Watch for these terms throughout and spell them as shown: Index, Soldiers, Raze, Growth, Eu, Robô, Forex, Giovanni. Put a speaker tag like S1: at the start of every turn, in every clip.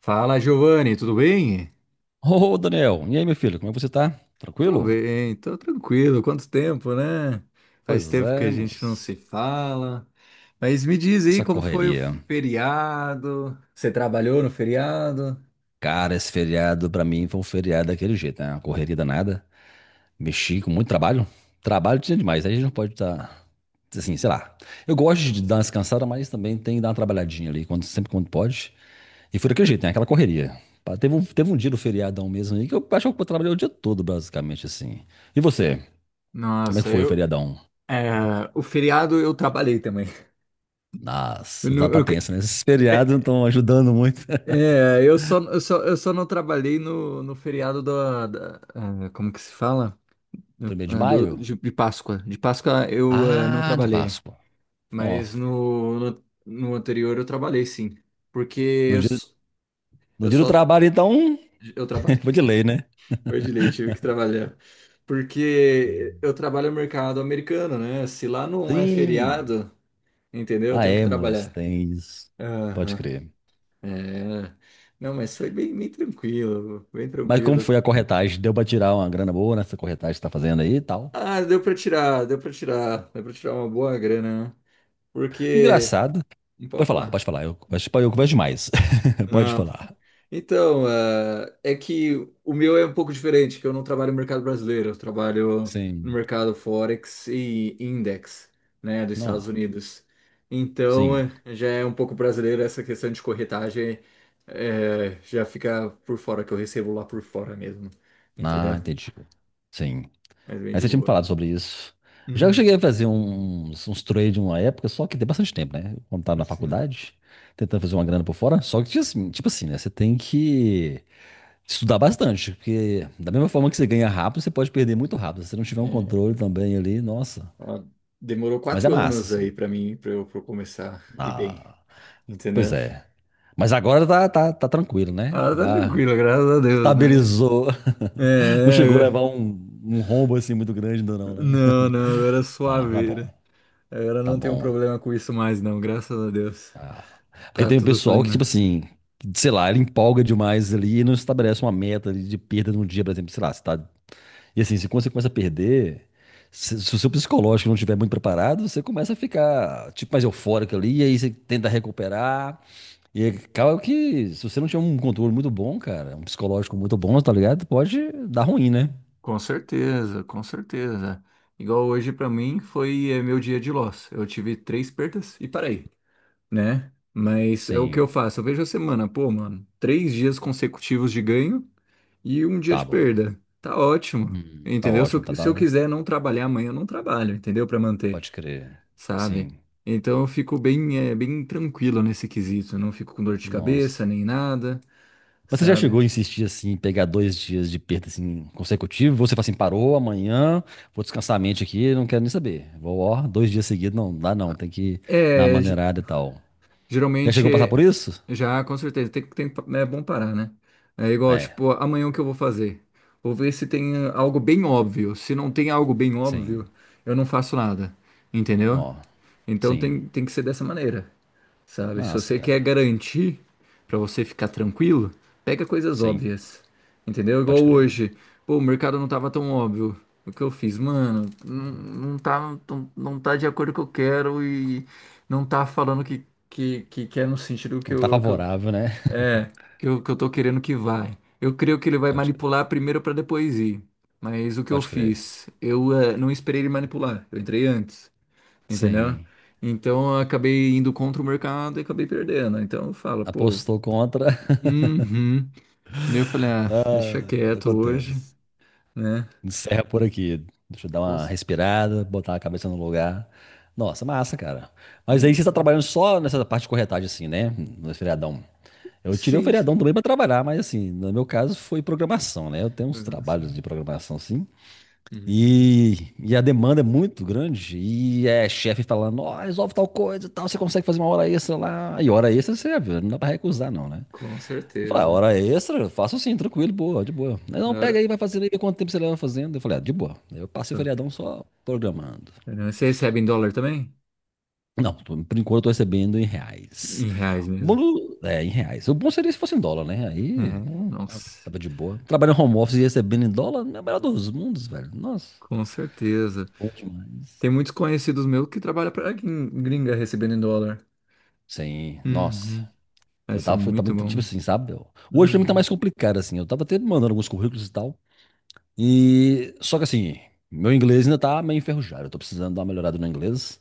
S1: Fala, Giovanni, tudo bem?
S2: Ô, Daniel, e aí, meu filho, como é que você tá?
S1: Tô
S2: Tranquilo?
S1: bem, tô tranquilo. Quanto tempo, né? Faz
S2: Pois
S1: tempo que a
S2: é,
S1: gente não
S2: moço.
S1: se fala. Mas me diz aí
S2: Essa
S1: como foi o
S2: correria.
S1: feriado? Você trabalhou no feriado?
S2: Cara, esse feriado pra mim foi um feriado daquele jeito, né? Uma correria danada. Mexi com muito trabalho. Trabalho tinha demais, aí a gente não pode estar, assim, sei lá. Eu gosto de dar uma descansada, mas também tem que dar uma trabalhadinha ali, sempre quando pode. E foi daquele jeito, né? Aquela correria. Pá, teve um dia do feriadão mesmo aí que eu acho que eu trabalhei o dia todo, basicamente, assim. E você? Como é que
S1: Nossa,
S2: foi o
S1: eu.
S2: feriadão?
S1: É, o feriado eu trabalhei também. Eu,
S2: Nossa, tá
S1: não-
S2: tá
S1: eu
S2: tenso, né? Esses feriados não
S1: é,
S2: estão ajudando muito.
S1: é, eu só não trabalhei no feriado ah, como que se fala?
S2: Primeiro de
S1: Ah,
S2: maio?
S1: de Páscoa. De Páscoa eu não
S2: Ah, de
S1: trabalhei.
S2: Páscoa. Ó,
S1: Mas no anterior eu trabalhei, sim. Porque
S2: no
S1: eu,
S2: dia,
S1: s-
S2: no
S1: eu
S2: dia do
S1: só.
S2: trabalho, então.
S1: Eu trabalhei.
S2: Vou de lei, né?
S1: Foi de lei, tive que trabalhar. Porque eu trabalho no mercado americano, né? Se lá não é
S2: Sim.
S1: feriado, entendeu? Eu
S2: Ah,
S1: tenho que
S2: é, moço,
S1: trabalhar.
S2: tem isso. Pode
S1: Aham.
S2: crer.
S1: É. Não, mas foi bem, bem tranquilo, bem
S2: Mas como
S1: tranquilo.
S2: foi a corretagem? Deu pra tirar uma grana boa nessa corretagem que você tá fazendo aí e tal.
S1: Ah, deu pra tirar, deu pra tirar, deu pra tirar uma boa grana, né? Porque.
S2: Engraçado.
S1: Não
S2: Pode
S1: pode
S2: falar,
S1: falar.
S2: pode falar. Eu converso demais. Pode
S1: Ah,
S2: falar.
S1: então, é que o meu é um pouco diferente, que eu não trabalho no mercado brasileiro, eu trabalho no
S2: Sim.
S1: mercado Forex e Index, né, dos Estados
S2: Não.
S1: Unidos. Então,
S2: Sim.
S1: já é um pouco brasileiro essa questão de corretagem, já fica por fora, que eu recebo lá por fora mesmo, entendeu?
S2: Ah, entendi. Sim.
S1: Mas bem
S2: Aí
S1: de
S2: você tinha me
S1: boa.
S2: falado sobre isso. Já eu cheguei a
S1: Hum,
S2: fazer uns trade uma época, só que tem bastante tempo, né? Quando tava na
S1: sim.
S2: faculdade, tentando fazer uma grana por fora, só que tinha assim, tipo assim, né? Você tem que estudar bastante, porque da mesma forma que você ganha rápido, você pode perder muito rápido. Se você não tiver um
S1: É,
S2: controle também ali, nossa.
S1: ó, demorou
S2: Mas é
S1: 4
S2: massa,
S1: anos aí
S2: assim.
S1: pra mim, pra eu começar e bem,
S2: Ah, pois
S1: entendeu?
S2: é. Mas agora tá tranquilo, né?
S1: Ah, tá
S2: Já
S1: tranquilo, graças a Deus, né?
S2: estabilizou. Não chegou a
S1: É,
S2: levar
S1: é,
S2: um rombo assim muito grande ainda não, né?
S1: não, não, agora é
S2: Ah, tá
S1: suaveira.
S2: bom.
S1: Agora
S2: Tá
S1: não tenho
S2: bom.
S1: problema com isso mais, não, graças a Deus.
S2: Ah. Porque
S1: Tá
S2: tem o
S1: tudo
S2: pessoal que,
S1: fluindo.
S2: tipo assim, sei lá, ele empolga demais ali e não estabelece uma meta ali de perda num dia, por exemplo, sei lá, você tá. E assim, se quando você começa a perder, se o seu psicológico não estiver muito preparado, você começa a ficar, tipo, mais eufórico ali, e aí você tenta recuperar, e aí acaba que, se você não tiver um controle muito bom, cara, um psicológico muito bom, tá ligado? Pode dar ruim, né?
S1: Com certeza, com certeza. Igual hoje pra mim foi, meu dia de loss. Eu tive 3 perdas e parei, né? Mas é o que eu
S2: Sim,
S1: faço. Eu vejo a semana. Pô, mano, 3 dias consecutivos de ganho e um dia
S2: tá
S1: de
S2: bom.
S1: perda. Tá ótimo,
S2: Tá
S1: entendeu? Se
S2: ótimo, tá,
S1: eu, se eu
S2: tá...
S1: quiser não trabalhar amanhã, eu não trabalho, entendeu? Pra manter.
S2: Pode crer.
S1: Sabe?
S2: Sim.
S1: Então eu fico bem, bem tranquilo nesse quesito, não fico com dor de cabeça
S2: Nossa.
S1: nem nada,
S2: Mas você já chegou
S1: sabe?
S2: a insistir assim, pegar dois dias de perda assim, consecutivo? Você fala assim, parou amanhã, vou descansar a mente aqui, não quero nem saber. Vou, ó, dois dias seguidos, não dá não, tem que dar uma
S1: É, ge-
S2: maneirada e tal. Já
S1: geralmente
S2: chegou a passar por isso?
S1: já, com certeza, tem, é bom parar, né? É igual,
S2: É,
S1: tipo, amanhã o que eu vou fazer? Vou ver se tem, algo bem óbvio. Se não tem algo bem óbvio,
S2: sim,
S1: eu não faço nada, entendeu?
S2: ó,
S1: Então
S2: sim.
S1: tem que ser dessa maneira. Sabe, se
S2: Nossa,
S1: você quer
S2: cara,
S1: garantir pra você ficar tranquilo, pega coisas
S2: sim,
S1: óbvias. Entendeu?
S2: pode
S1: Igual
S2: crer.
S1: hoje. Pô, o mercado não tava tão óbvio. O que eu fiz, mano, não, não tá, não, não tá de acordo com o que eu quero, e não tá falando que é no sentido que
S2: Não tá
S1: eu,
S2: favorável, né?
S1: é, que eu tô querendo que vai. Eu creio que ele vai
S2: Pode crer,
S1: manipular primeiro pra depois ir. Mas o que eu
S2: pode crer.
S1: fiz? Eu não esperei ele manipular. Eu entrei antes, entendeu?
S2: Sim,
S1: Então eu acabei indo contra o mercado e acabei perdendo. Então eu falo, pô,
S2: apostou contra.
S1: uhum. Daí eu falei, ah,
S2: Ah,
S1: deixa quieto hoje,
S2: acontece.
S1: né?
S2: Encerra por aqui. Deixa eu dar uma
S1: Cons-
S2: respirada, botar a cabeça no lugar. Nossa, massa, cara. Mas aí você está
S1: Uhum.
S2: trabalhando só nessa parte de corretagem, assim, né? No feriadão. Eu tirei o
S1: Sim,
S2: feriadão
S1: sim.
S2: também para trabalhar, mas assim, no meu caso foi programação, né? Eu tenho uns
S1: Programação.
S2: trabalhos de programação, sim.
S1: Uhum.
S2: E a demanda é muito grande. E é chefe falando, ó, resolve tal coisa, e tal, você consegue fazer uma hora extra lá. E hora extra você já viu, não dá para recusar, não, né?
S1: Com
S2: Eu falei, ah,
S1: certeza.
S2: hora extra, faço sim, tranquilo, boa, de boa. Aí, não,
S1: Na
S2: pega
S1: hora.
S2: aí, vai fazendo aí, vê quanto tempo você leva fazendo. Eu falei, ah, de boa. Eu passei o
S1: Tá.
S2: feriadão só programando.
S1: Você recebe em dólar também?
S2: Não, por enquanto eu tô recebendo em reais.
S1: Em reais mesmo.
S2: Bolo, é, em reais. O bom seria se fosse em dólar, né?
S1: É,
S2: Aí
S1: nossa,
S2: tava de boa. Trabalhando home office e recebendo em dólar, é o melhor dos mundos, velho. Nossa,
S1: com certeza.
S2: bom demais.
S1: Tem muitos conhecidos meus que trabalham para gringa recebendo em dólar.
S2: Sim, nossa.
S1: Uhum. Vai
S2: Eu
S1: ser
S2: tava, eu tava
S1: muito
S2: tipo
S1: bom.
S2: assim, sabe? Hoje pra mim tá
S1: Uhum.
S2: mais complicado, assim. Eu tava até mandando alguns currículos e tal. E só que assim, meu inglês ainda tá meio enferrujado. Eu tô precisando dar uma melhorada no inglês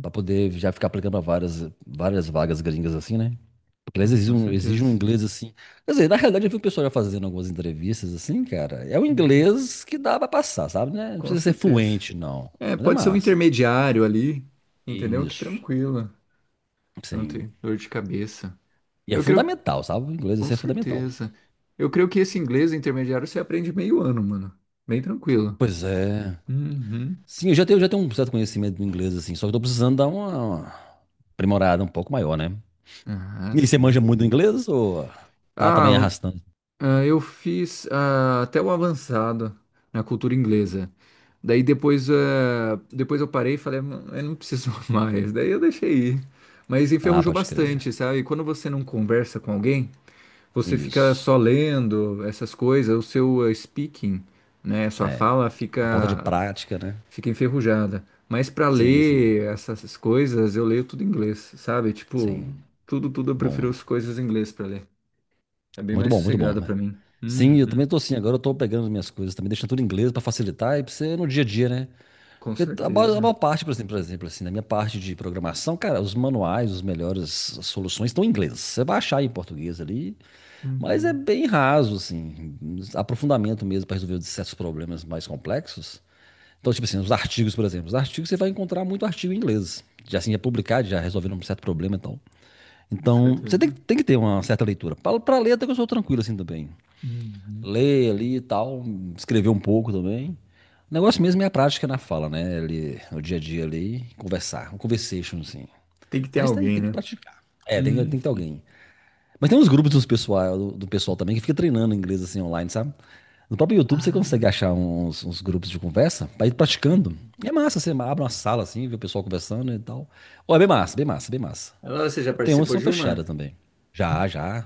S2: pra poder já ficar aplicando pra várias, várias vagas gringas assim, né? Porque eles
S1: Ah, com
S2: exige um
S1: certeza.
S2: inglês assim. Quer dizer, na realidade eu vi o pessoal já fazendo algumas entrevistas assim, cara. É o inglês que dá pra passar, sabe, né? Não
S1: Com
S2: precisa ser
S1: certeza.
S2: fluente, não.
S1: É,
S2: Mas é
S1: pode ser um
S2: massa.
S1: intermediário ali, entendeu? Que
S2: Isso,
S1: tranquila, não
S2: sim.
S1: tem dor de cabeça.
S2: E é
S1: Eu creio,
S2: fundamental, sabe? O inglês
S1: com
S2: assim, é fundamental.
S1: certeza. Eu creio que esse inglês intermediário você aprende meio ano, mano. Bem tranquilo.
S2: Pois é.
S1: Uhum.
S2: Sim, eu já tenho um certo conhecimento do inglês assim, só que eu tô precisando dar uma aprimorada um pouco maior, né?
S1: Ah,
S2: E você
S1: sim.
S2: manja muito inglês ou tá também
S1: Ah,
S2: arrastando?
S1: Eu fiz, até o avançado na cultura inglesa. Daí depois, depois eu parei e falei, "Não, eu não preciso mais". Daí eu deixei ir. Mas
S2: Ah,
S1: enferrujou
S2: pode crer.
S1: bastante, sabe? Quando você não conversa com alguém, você fica
S2: Isso.
S1: só lendo essas coisas, o seu, speaking, né? Sua
S2: É.
S1: fala
S2: A falta de
S1: fica,
S2: prática, né?
S1: enferrujada. Mas para
S2: Sim, sim.
S1: ler essas coisas, eu leio tudo em inglês, sabe? Tipo,
S2: Sim.
S1: tudo, tudo eu prefiro
S2: Bom.
S1: as coisas em inglês para ler. É bem
S2: Muito
S1: mais
S2: bom, muito bom,
S1: sossegado para
S2: né?
S1: mim.
S2: Sim, eu
S1: Uhum.
S2: também tô assim. Agora eu tô pegando as minhas coisas também, deixando tudo em inglês pra facilitar e pra você no dia a dia, né?
S1: Com
S2: Porque a maior, a
S1: certeza.
S2: maior parte, por exemplo, assim, na minha parte de programação, cara, os manuais, os melhores soluções estão em inglês. Você vai achar em português ali, mas é
S1: Uhum,
S2: bem raso, assim. Aprofundamento mesmo pra resolver certos problemas mais complexos. Então, tipo assim, os artigos, por exemplo. Os artigos você vai encontrar muito artigo em inglês. Já assim, já é publicado, já resolvendo um certo problema e tal.
S1: com
S2: Então, você tem,
S1: certeza.
S2: que- tem que ter uma certa leitura. Pra ler, até que eu sou tranquilo assim também.
S1: Uhum.
S2: Ler ali e tal, escrever um pouco também. O negócio mesmo é a prática na fala, né? Ali, no dia a dia ali, conversar. Um conversation, assim.
S1: Tem que ter
S2: Mas tem,
S1: alguém,
S2: tem que
S1: né?
S2: praticar. É, tem,
S1: Hum.
S2: tem que ter alguém. Mas tem uns grupos do pessoal também que fica treinando inglês assim online, sabe? No próprio YouTube você consegue
S1: Ah.
S2: achar uns grupos de conversa pra ir praticando.
S1: Uhum.
S2: E é massa, você abre uma sala assim, vê o pessoal conversando e tal. Ó, é bem massa, bem massa, bem massa.
S1: Agora você já
S2: E tem umas que
S1: participou
S2: são
S1: de
S2: fechadas
S1: uma?
S2: também. Já, já.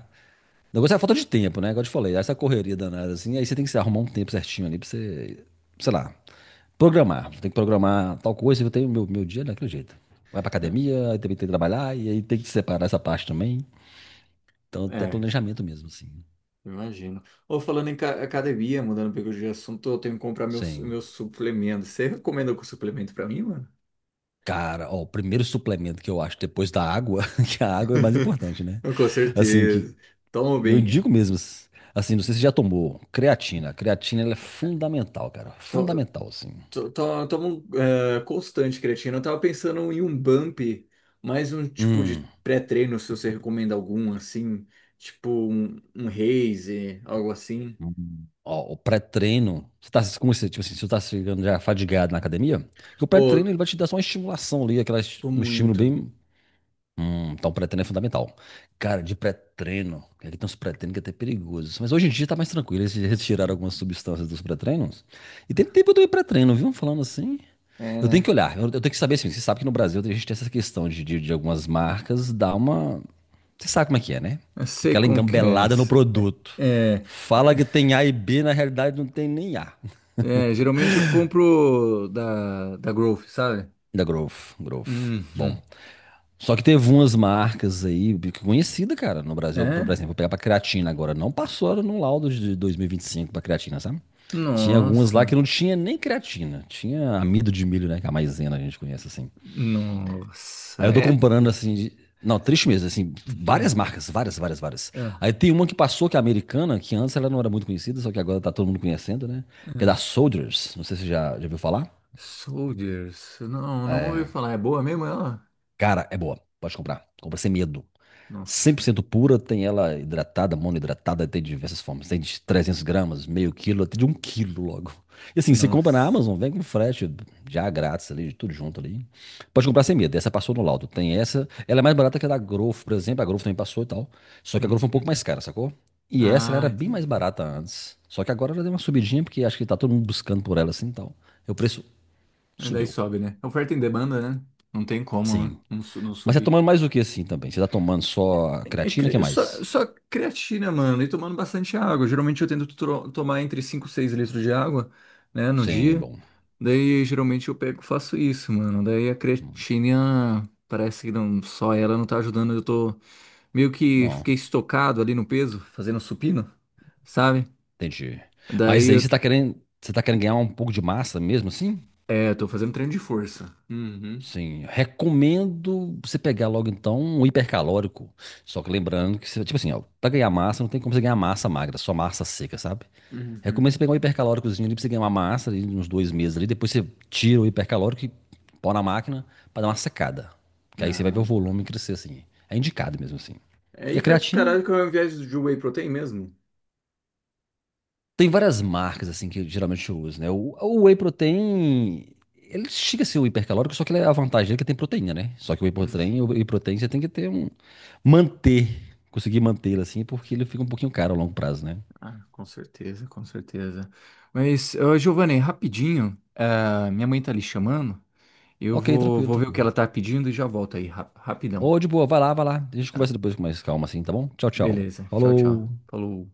S2: O negócio é a falta de tempo, né? Igual eu te falei, essa correria danada assim, aí você tem que se arrumar um tempo certinho ali pra você, sei lá, programar. Você tem que programar tal coisa, eu tenho meu dia daquele jeito. Vai pra
S1: Não.
S2: academia, aí também tem que trabalhar, e aí tem que separar essa parte também. Então, até
S1: É,
S2: planejamento mesmo, assim.
S1: eu imagino. Ou falando em academia, mudando um pouco de assunto, eu tenho que comprar meus,
S2: Sim.
S1: suplementos. Você recomenda algum suplemento pra mim, mano?
S2: Cara, ó, o primeiro suplemento que eu acho depois da água, que a água é o mais importante, né?
S1: Com
S2: Assim, que
S1: certeza. Toma
S2: eu
S1: bem.
S2: digo mesmo, assim, não sei se você já tomou, creatina. Creatina, ela é fundamental, cara. Fundamental, assim.
S1: Toma um, constante, creatina. Eu tava pensando em um bump, mais um tipo
S2: Hum.
S1: de pré-treino, se você recomenda algum, assim. Tipo um, Raze, algo assim.
S2: Hum. Ó, o pré-treino, você tá, como você, tipo assim, você tá chegando já fadigado na academia, que o pré-treino
S1: Ô,
S2: ele vai te dar só uma estimulação ali, aquela,
S1: tô
S2: um estímulo
S1: muito.
S2: bem. Então pré-treino é fundamental. Cara, de pré-treino, é que aqui tem uns pré-treinos que é até perigosos, mas hoje em dia tá mais tranquilo, eles retiraram algumas substâncias dos pré-treinos. E tem tempo eu tomei pré-treino, viu? Falando assim,
S1: É,
S2: eu tenho que
S1: né?
S2: olhar, eu tenho que saber assim, você sabe que no Brasil a gente tem essa questão de algumas marcas dar uma. Você sabe como é que é, né?
S1: Eu sei
S2: Aquela
S1: como que é.
S2: engambelada no produto.
S1: É,
S2: Fala que tem A e B, na realidade não tem nem A.
S1: é, geralmente eu compro da, Growth, sabe?
S2: Da Growth, Growth. Bom.
S1: Uhum.
S2: Só que teve umas marcas aí, que conhecida, cara, no Brasil. Por
S1: É?
S2: exemplo, vou pegar pra creatina agora. Não passou no laudo de 2025 pra creatina, sabe? Tinha algumas lá que
S1: Nossa.
S2: não tinha nem creatina. Tinha amido de milho, né? Que é a maisena a gente conhece, assim. Aí
S1: Nossa,
S2: eu tô
S1: é
S2: comparando, assim.
S1: triste.
S2: Não, triste mesmo, assim.
S1: Uhum.
S2: Várias marcas, várias, várias, várias.
S1: Ah,
S2: Aí tem uma que passou, que é americana, que antes ela não era muito conhecida, só que agora tá todo mundo conhecendo, né? Que é da
S1: ah.
S2: Soldiers. Não sei se você já ouviu falar.
S1: Soldiers. Não, não ouvi falar. É boa mesmo ela?
S2: Cara, é boa. Pode comprar. Compra sem medo. cem por
S1: Nossa.
S2: cento pura, tem ela hidratada, monohidratada, tem de diversas formas. Tem de 300 g, meio quilo, até de um quilo logo. E assim, você compra na
S1: Nossa.
S2: Amazon, vem com frete já grátis ali, tudo junto ali. Pode comprar sem medo, essa passou no laudo. Tem essa, ela é mais barata que a da Growth, por exemplo, a Growth também passou e tal. Só que a Growth é um pouco
S1: Uhum.
S2: mais cara, sacou? E essa ela
S1: Ah,
S2: era bem mais
S1: entendi.
S2: barata antes. Só que agora ela deu uma subidinha, porque acho que tá todo mundo buscando por ela assim e tal. E o preço
S1: Aí Daí
S2: subiu.
S1: sobe, né? Oferta em demanda, né? Não tem como, né?
S2: Sim.
S1: Não, não
S2: Mas você tá
S1: subir.
S2: tomando mais do que assim também? Você tá tomando só a
S1: É,
S2: creatina, o que
S1: só,
S2: mais?
S1: só creatina, mano, e tomando bastante água. Geralmente eu tento tomar entre 5 e 6 litros de água, né, no
S2: Sim,
S1: dia.
S2: bom.
S1: Daí geralmente eu pego e faço isso, mano. Daí a
S2: Hum.
S1: creatina parece que não, só ela não tá ajudando. Eu tô meio que
S2: Não,
S1: fiquei estocado ali no peso, fazendo supino, sabe?
S2: entendi.
S1: Daí
S2: Mas aí
S1: eu,
S2: você tá querendo ganhar um pouco de massa mesmo assim?
S1: é, tô fazendo treino de força. Uhum.
S2: Sim, recomendo você pegar logo então um hipercalórico. Só que lembrando que, tipo assim, ó, pra ganhar massa não tem como você ganhar massa magra, só massa seca, sabe?
S1: Uhum.
S2: Recomendo você pegar um hipercalóricozinho ali pra você ganhar uma massa ali, uns 2 meses ali. Depois você tira o hipercalórico e põe na máquina pra dar uma secada. Que aí você vai ver o
S1: Não, pô.
S2: volume crescer assim. É indicado mesmo assim.
S1: É
S2: E a
S1: hiper do
S2: creatina?
S1: caralho que é uma viagem de whey protein mesmo.
S2: Tem várias marcas, assim, que geralmente eu uso, né? O whey protein, ele chega a ser o hipercalórico, só que ele é a vantagem dele é que tem proteína, né? Só que o whey
S1: Hum.
S2: protein, o whey protein você tem que ter um. Manter, conseguir mantê-lo, assim, porque ele fica um pouquinho caro a longo prazo, né?
S1: Ah, com certeza, com certeza. Mas, ô, Giovanni, rapidinho, minha mãe tá ali chamando. Eu
S2: Ok,
S1: vou,
S2: tranquilo,
S1: vou ver o que
S2: tranquilo.
S1: ela tá pedindo e já volto aí, rapidão.
S2: Ô, de boa, vai lá, vai lá. A gente
S1: Tá?
S2: conversa depois com mais calma, assim, tá bom? Tchau, tchau.
S1: Beleza, tchau, tchau.
S2: Falou!
S1: Falou.